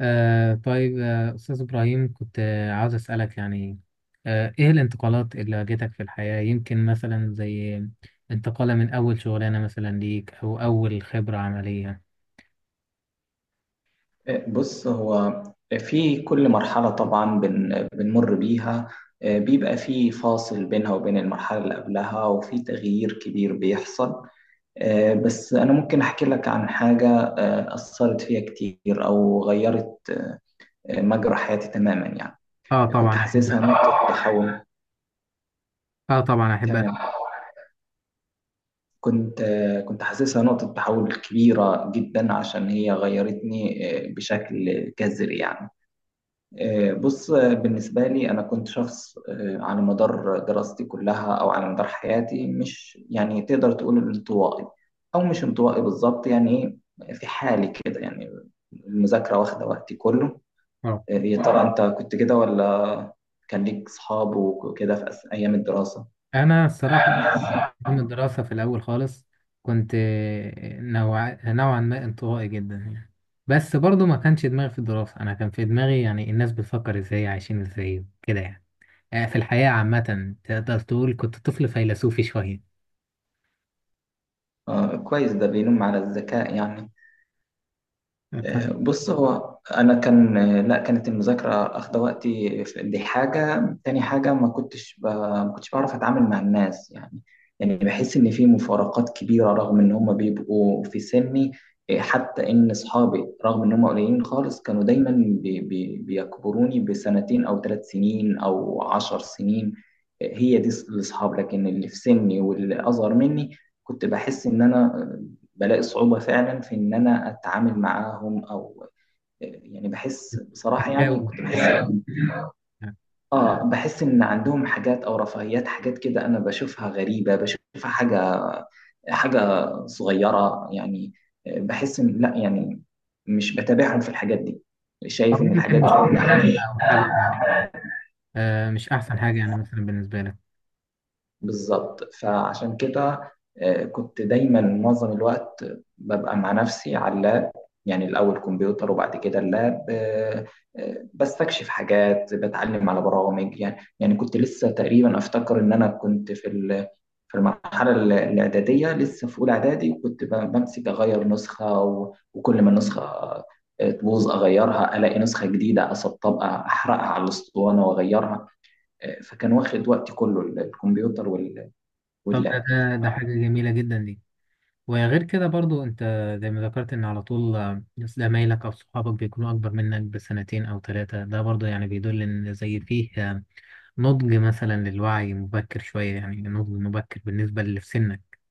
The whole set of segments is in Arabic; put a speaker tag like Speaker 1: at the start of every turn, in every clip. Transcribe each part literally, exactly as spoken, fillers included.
Speaker 1: آه طيب، آه أستاذ إبراهيم، كنت آه عاوز أسألك، يعني آه إيه الانتقالات اللي واجهتك في الحياة؟ يمكن مثلا زي انتقالة من أول شغلانة مثلا ليك، أو أول خبرة عملية.
Speaker 2: بص هو في كل مرحلة طبعا بن بنمر بيها، آه، بيبقى في فاصل بينها وبين المرحلة اللي قبلها وفي تغيير كبير بيحصل. آه، بس أنا ممكن أحكي لك عن حاجة آه، أثرت فيها كتير أو غيرت آه، مجرى حياتي تماما يعني.
Speaker 1: آه طبعا
Speaker 2: كنت
Speaker 1: أحب
Speaker 2: حاسسها نقطة تحول.
Speaker 1: آه طبعا أحب
Speaker 2: تمام.
Speaker 1: أسمع.
Speaker 2: كنت آه، كنت حاسسها نقطة تحول كبيرة جدا عشان هي غيرتني آه، بشكل جذري يعني. آه، بص، آه، بالنسبة لي أنا كنت شخص آه، على مدار دراستي كلها أو على مدار حياتي مش يعني تقدر تقول انطوائي، أو مش انطوائي بالظبط يعني. إيه، في حالي كده يعني، المذاكرة واخدة وقتي كله.
Speaker 1: آه.
Speaker 2: آه، يا ترى أنت كنت كده ولا كان ليك صحاب وكده في أس- أيام الدراسة؟
Speaker 1: أنا الصراحة، من الدراسة في الأول خالص، كنت آه، نوع... نوعا ما انطوائي جدا، يعني. بس برضو ما كانش دماغي في الدراسة، أنا كان في دماغي يعني الناس بتفكر إزاي، عايشين إزاي كده، يعني آه، في الحياة عامة تقدر تقول كنت طفل فيلسوفي شوية.
Speaker 2: آه، كويس، ده بينم على الذكاء يعني. آه، بص، هو انا كان آه، لا كانت المذاكره اخده وقتي في- دي حاجه. تاني حاجه ما كنتش ب... ما كنتش بعرف اتعامل مع الناس يعني. يعني بحس ان في مفارقات كبيره رغم ان هم بيبقوا في سني. آه، حتى ان اصحابي رغم ان هم قليلين خالص كانوا دايما بي... بي... بيكبروني بسنتين او ثلاث سنين او عشر سنين. آه، هي دي الاصحاب، لكن اللي في سني واللي اصغر مني كنت بحس ان انا بلاقي صعوبة فعلا في إن أنا أتعامل معاهم، أو يعني بحس بصراحة يعني
Speaker 1: تتجاوب
Speaker 2: كنت
Speaker 1: تتجاوب،
Speaker 2: بحس آه بحس إن عندهم حاجات أو رفاهيات، حاجات كده أنا بشوفها غريبة، بشوفها حاجة حاجة صغيرة يعني. بحس إن لأ يعني مش بتابعهم في الحاجات دي، شايف
Speaker 1: أو
Speaker 2: إن الحاجات
Speaker 1: يمكن
Speaker 2: دي
Speaker 1: مش مهتم أو حاجة يعني. آه، مش أحسن حاجة يعني مثلا بالنسبة لك.
Speaker 2: بالظبط. فعشان كده آه، كنت دايما معظم الوقت ببقى مع نفسي على اللاب. يعني الأول كمبيوتر وبعد كده اللاب. آه، آه، بستكشف حاجات، بتعلم على برامج يعني. يعني كنت لسه تقريبا أفتكر إن أنا كنت في ال- في المرحلة ال- الإعدادية، لسه في أولى إعدادي كنت ب- بمسك أغير نسخة و- وكل ما النسخة آه، تبوظ أغيرها، ألاقي نسخة جديدة أسطبها أحرقها على الأسطوانة وأغيرها. آه، فكان واخد وقتي كله ال- الكمبيوتر
Speaker 1: طب ده
Speaker 2: واللعب.
Speaker 1: ده ده حاجة جميلة جدا دي. وغير كده برضو أنت، زي ما ذكرت، إن على طول آه، زمايلك أو صحابك بيكونوا أكبر منك بسنتين أو ثلاثة، ده برضو يعني بيدل إن زي فيه آه، نضج مثلا للوعي مبكر شوية، يعني نضج مبكر بالنسبة للي في سنك.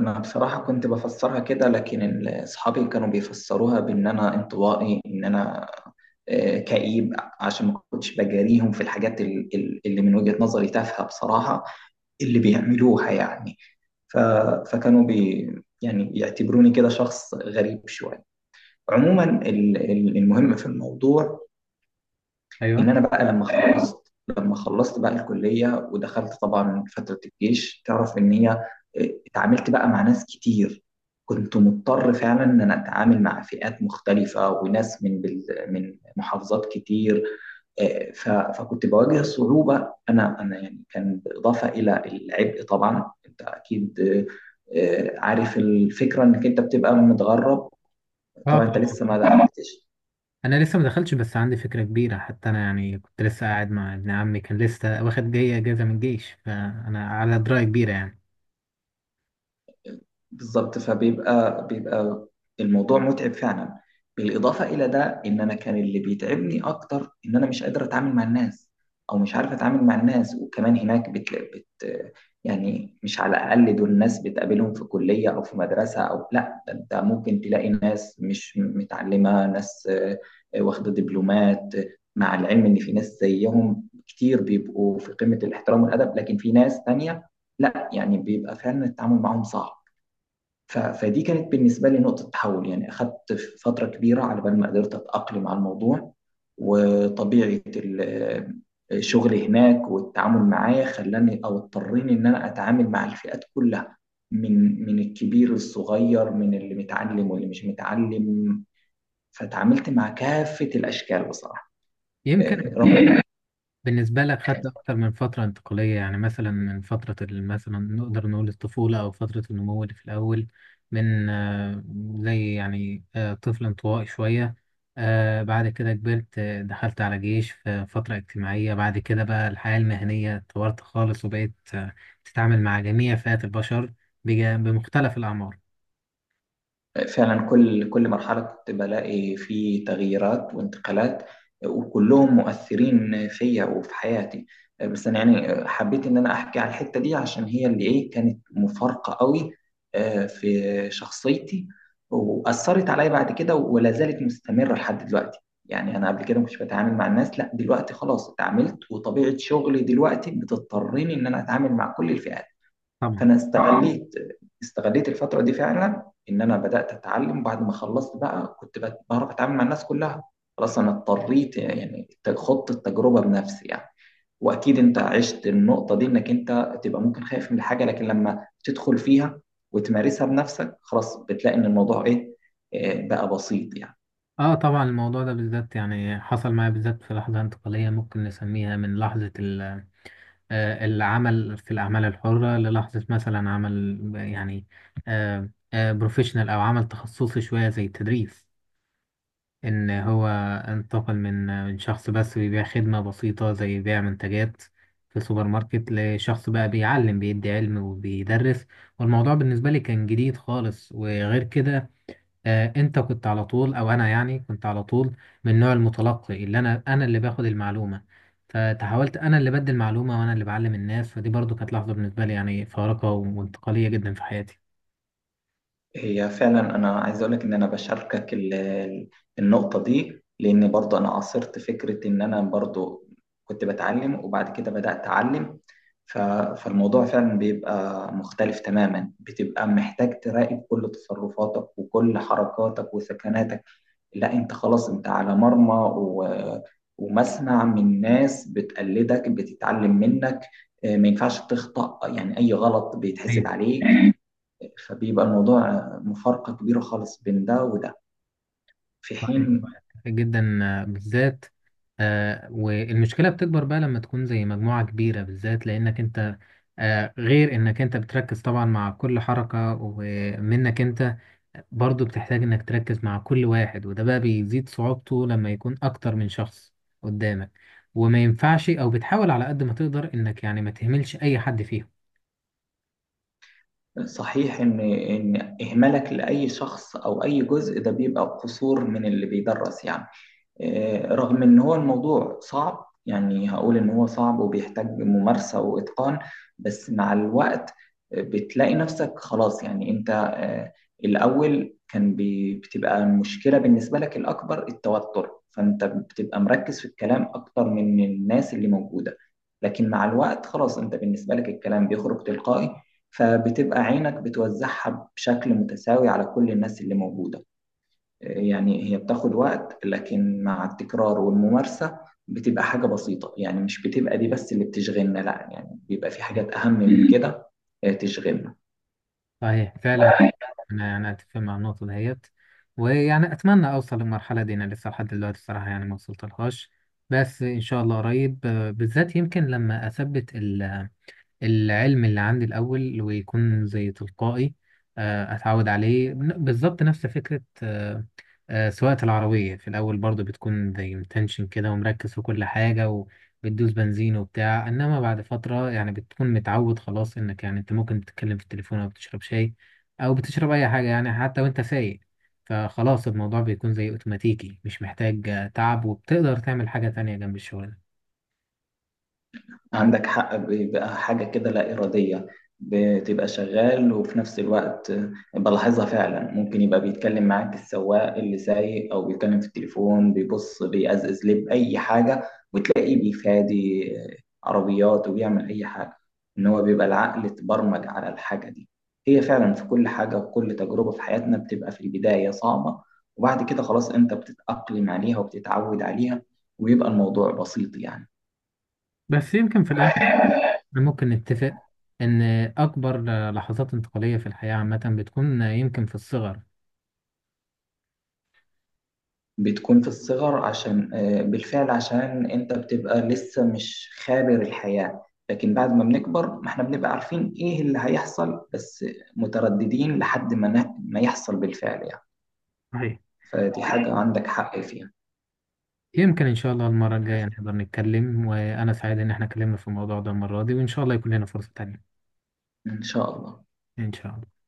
Speaker 2: أنا بصراحة كنت بفسرها كده، لكن ال- أصحابي كانوا بيفسروها بإن أنا انطوائي، إن أنا آه، كئيب، عشان ما كنتش بجاريهم في الحاجات ال- ال- اللي من وجهة نظري تافهة بصراحة اللي بيعملوها يعني. ف... فكانوا بي يعني يعتبروني كده شخص غريب شوية. عموما ال- ال- المهم في الموضوع ان
Speaker 1: أيوه.
Speaker 2: انا بقى لما خلصت لما خلصت بقى الكليه ودخلت طبعا فتره الجيش، تعرف ان هي إيه، اتعاملت بقى مع ناس كتير. كنت مضطر فعلا ان انا اتعامل مع فئات مختلفه وناس من بل... من محافظات كتير. إيه، ف... فكنت بواجه صعوبه، انا انا يعني كان بالاضافه الى العبء. طبعا انت اكيد إيه، عارف الفكره انك انت بتبقى متغرب.
Speaker 1: اه،
Speaker 2: طبعا انت
Speaker 1: طبعا.
Speaker 2: لسه ما دخلتش.
Speaker 1: انا لسه ما دخلتش، بس عندي فكره كبيره، حتى انا يعني كنت لسه قاعد مع ابن عمي، كان لسه واخد جاي اجازه من الجيش، فانا على درايه كبيره يعني.
Speaker 2: بالظبط. فبيبقى بيبقى الموضوع متعب فعلا. بالإضافة إلى ده، إن أنا كان اللي بيتعبني أكتر إن أنا مش قادر أتعامل مع الناس، أو مش عارف أتعامل مع الناس. وكمان هناك بت... بت... يعني مش على الأقل دول الناس بتقابلهم في كلية أو في مدرسة، أو لا ده أنت ممكن تلاقي ناس مش متعلمة، ناس آه، آه، واخدة دبلومات. آه، مع العلم إن في ناس زيهم كتير بيبقوا في قمة الاحترام والأدب، لكن في ناس تانية لا يعني بيبقى فعلا التعامل معاهم صعب. ف- فدي كانت بالنسبة لي نقطة تحول يعني، أخذت فترة كبيرة على بال ما قدرت أتأقلم على الموضوع. وطبيعة ال- الشغل هناك والتعامل معاه خلاني أو اضطريني إن أنا أتعامل مع الفئات كلها، من من الكبير للصغير، من اللي متعلم واللي مش متعلم. فتعاملت مع كافة الأشكال بصراحة
Speaker 1: يمكن
Speaker 2: آه، رغم
Speaker 1: بالنسبة لك خدت أكتر من فترة انتقالية، يعني مثلا من فترة ال- مثلا نقدر نقول الطفولة، أو فترة النمو اللي في الأول، من آه، زي يعني آه، طفل انطوائي شوية، آه، بعد كده كبرت، آه، دخلت على جيش في فترة اجتماعية، بعد كده بقى الحياة المهنية اتطورت خالص، وبقيت آه، تتعامل مع جميع فئات البشر، بجا- بمختلف الأعمار.
Speaker 2: فعلا كل كل مرحلة كنت بلاقي فيه تغييرات وانتقالات، وكلهم مؤثرين فيا وفي حياتي. بس أنا يعني حبيت إن أنا أحكي على الحتة دي عشان هي اللي إيه كانت مفارقة قوي آه، في شخصيتي، وأثرت عليا بعد كده ولا زالت مستمرة لحد دلوقتي. يعني أنا قبل كده ما كنتش بتعامل مع الناس، لا دلوقتي خلاص اتعاملت، وطبيعة شغلي دلوقتي بتضطرني إن أنا أتعامل مع كل الفئات.
Speaker 1: طبعا.
Speaker 2: فانا اه استغليت استغليت الفتره دي فعلا، ان انا بدات اتعلم بعد ما خلصت بقى، كنت بت- بعرف اتعامل مع الناس كلها. خلاص انا اضطريت يعني ت- خضت التجربه بنفسي يعني. واكيد انت عشت النقطه دي، انك انت تبقى ممكن خايف من حاجه، لكن لما تدخل فيها وتمارسها بنفسك خلاص بتلاقي ان الموضوع ايه إيه، بقى بسيط يعني.
Speaker 1: اه، طبعا، الموضوع ده بالذات يعني حصل معايا بالذات في لحظة انتقالية ممكن نسميها، من لحظة ال آه، العمل في الأعمال الحرة، للحظة مثلا عمل يعني بروفيشنال، أو عمل تخصصي شوية زي التدريس. إن هو انتقل من آه، من شخص بس بيبيع خدمة بسيطة، زي بيع منتجات في سوبر ماركت، لشخص بقى بيعلم، بيدي علم وبيدرس. والموضوع بالنسبة لي كان جديد خالص. وغير كده آه، انت كنت على طول، او انا يعني كنت على طول من نوع المتلقي، اللي انا انا اللي باخد المعلومه. فتحاولت انا اللي بدي المعلومه، وانا اللي بعلم الناس. فدي برضو كانت لحظه بالنسبه لي، يعني فارقه وانتقاليه جدا في حياتي.
Speaker 2: هي فعلا انا عايز اقول لك ان انا بشاركك ال- ال- النقطه دي، لان برضو انا عاصرت فكره ان انا برضو كنت بتعلم وبعد كده بدات اعلم. ف- فالموضوع فعلا بيبقى مختلف تماما، بتبقى محتاج تراقب كل تصرفاتك وكل حركاتك وسكناتك. لا انت خلاص انت على مرمى و- ومسمع من ناس بتقلدك بتتعلم منك. آه، ما ينفعش تخطأ يعني، اي غلط بيتحسب عليك. فبيبقى الموضوع مفارقة كبيرة خالص بين ده وده، في
Speaker 1: صحيح
Speaker 2: حين
Speaker 1: جدا، آه، بالذات آه، والمشكلة بتكبر بقى لما تكون زي مجموعة كبيرة، بالذات لأنك أنت، آه، غير إنك أنت بتركز طبعا مع كل حركة ومنك أنت، برضو بتحتاج إنك تركز مع كل واحد، وده بقى بيزيد صعوبته لما يكون أكتر من شخص قدامك. وما ينفعش، أو بتحاول على قد ما تقدر إنك يعني ما تهملش أي حد فيهم.
Speaker 2: صحيح إن إن إهمالك لأي شخص أو أي جزء ده بيبقى قصور من اللي بيدرس يعني. آه، رغم ان هو الموضوع صعب يعني، هقول ان هو صعب وبيحتاج ممارسة واتقان. بس مع الوقت آه، بتلاقي نفسك خلاص يعني انت آه، الاول كان بي- بتبقى المشكلة بالنسبة لك الاكبر التوتر، فانت بتبقى مركز في الكلام اكتر من الناس اللي موجودة. لكن مع الوقت خلاص انت بالنسبة لك الكلام بيخرج تلقائي، فبتبقى عينك بتوزعها بشكل متساوي على كل الناس اللي موجودة. يعني هي بتاخد وقت، لكن مع التكرار والممارسة بتبقى حاجة بسيطة يعني. مش بتبقى دي بس اللي بتشغلنا، لا يعني بيبقى في حاجات أهم من كده آه، تشغلنا.
Speaker 1: صحيح فعلا. انا انا اتفق مع النقطه ديت، ويعني اتمنى اوصل للمرحله دي. انا لسه لحد دلوقتي الصراحه يعني ما وصلتلهاش، بس ان شاء الله قريب، آه، بالذات يمكن لما اثبت العلم اللي عندي الأول ويكون زي تلقائي، آه، أتعود عليه. ن- بالظبط نفس فكرة آه، آه، سواقة العربية، في الأول برضو بتكون زي متنشن كده، ومركز في كل حاجة، وبتدوس بنزين وبتاع. إنما بعد فترة يعني بتكون متعود خلاص، إنك يعني أنت ممكن تتكلم في التليفون، أو بتشرب شاي، أو بتشرب أي حاجة يعني، حتى وأنت سايق. فخلاص الموضوع بيكون زي أوتوماتيكي، مش محتاج آه، تعب، وبتقدر تعمل حاجة تانية جنب الشغل ده.
Speaker 2: عندك حق، بيبقى حاجة كده لا إرادية، بتبقى شغال وفي نفس الوقت بلاحظها. فعلا ممكن يبقى بيتكلم معاك السواق اللي سايق أو بيتكلم في التليفون بيبص بيأزأز لب أي حاجة، وتلاقيه بيفادي عربيات وبيعمل أي حاجة. إن هو بيبقى العقل اتبرمج على الحاجة دي. هي فعلا في كل حاجة وكل تجربة في حياتنا بتبقى في البداية صعبة، وبعد كده خلاص أنت بتتأقلم عليها وبتتعود عليها، ويبقى الموضوع بسيط يعني.
Speaker 1: بس يمكن في الآخر ممكن نتفق إن أكبر لحظات انتقالية في الحياة عامة بتكون يمكن في الصغر.
Speaker 2: بتكون في الصغر عشان آه، بالفعل عشان انت بتبقى لسه مش خابر الحياة، لكن بعد ما بنكبر ما احنا بنبقى عارفين ايه اللي هيحصل، بس مترددين لحد ما نا- ما يحصل بالفعل يعني.
Speaker 1: صحيح.
Speaker 2: فدي حاجة عندك حق فيها.
Speaker 1: يمكن إن شاء الله المرة الجاية نقدر نتكلم، وأنا سعيد إن إحنا اتكلمنا في الموضوع ده المرة دي، وإن شاء الله يكون لنا فرصة تانية.
Speaker 2: ان شاء الله.
Speaker 1: إن شاء الله.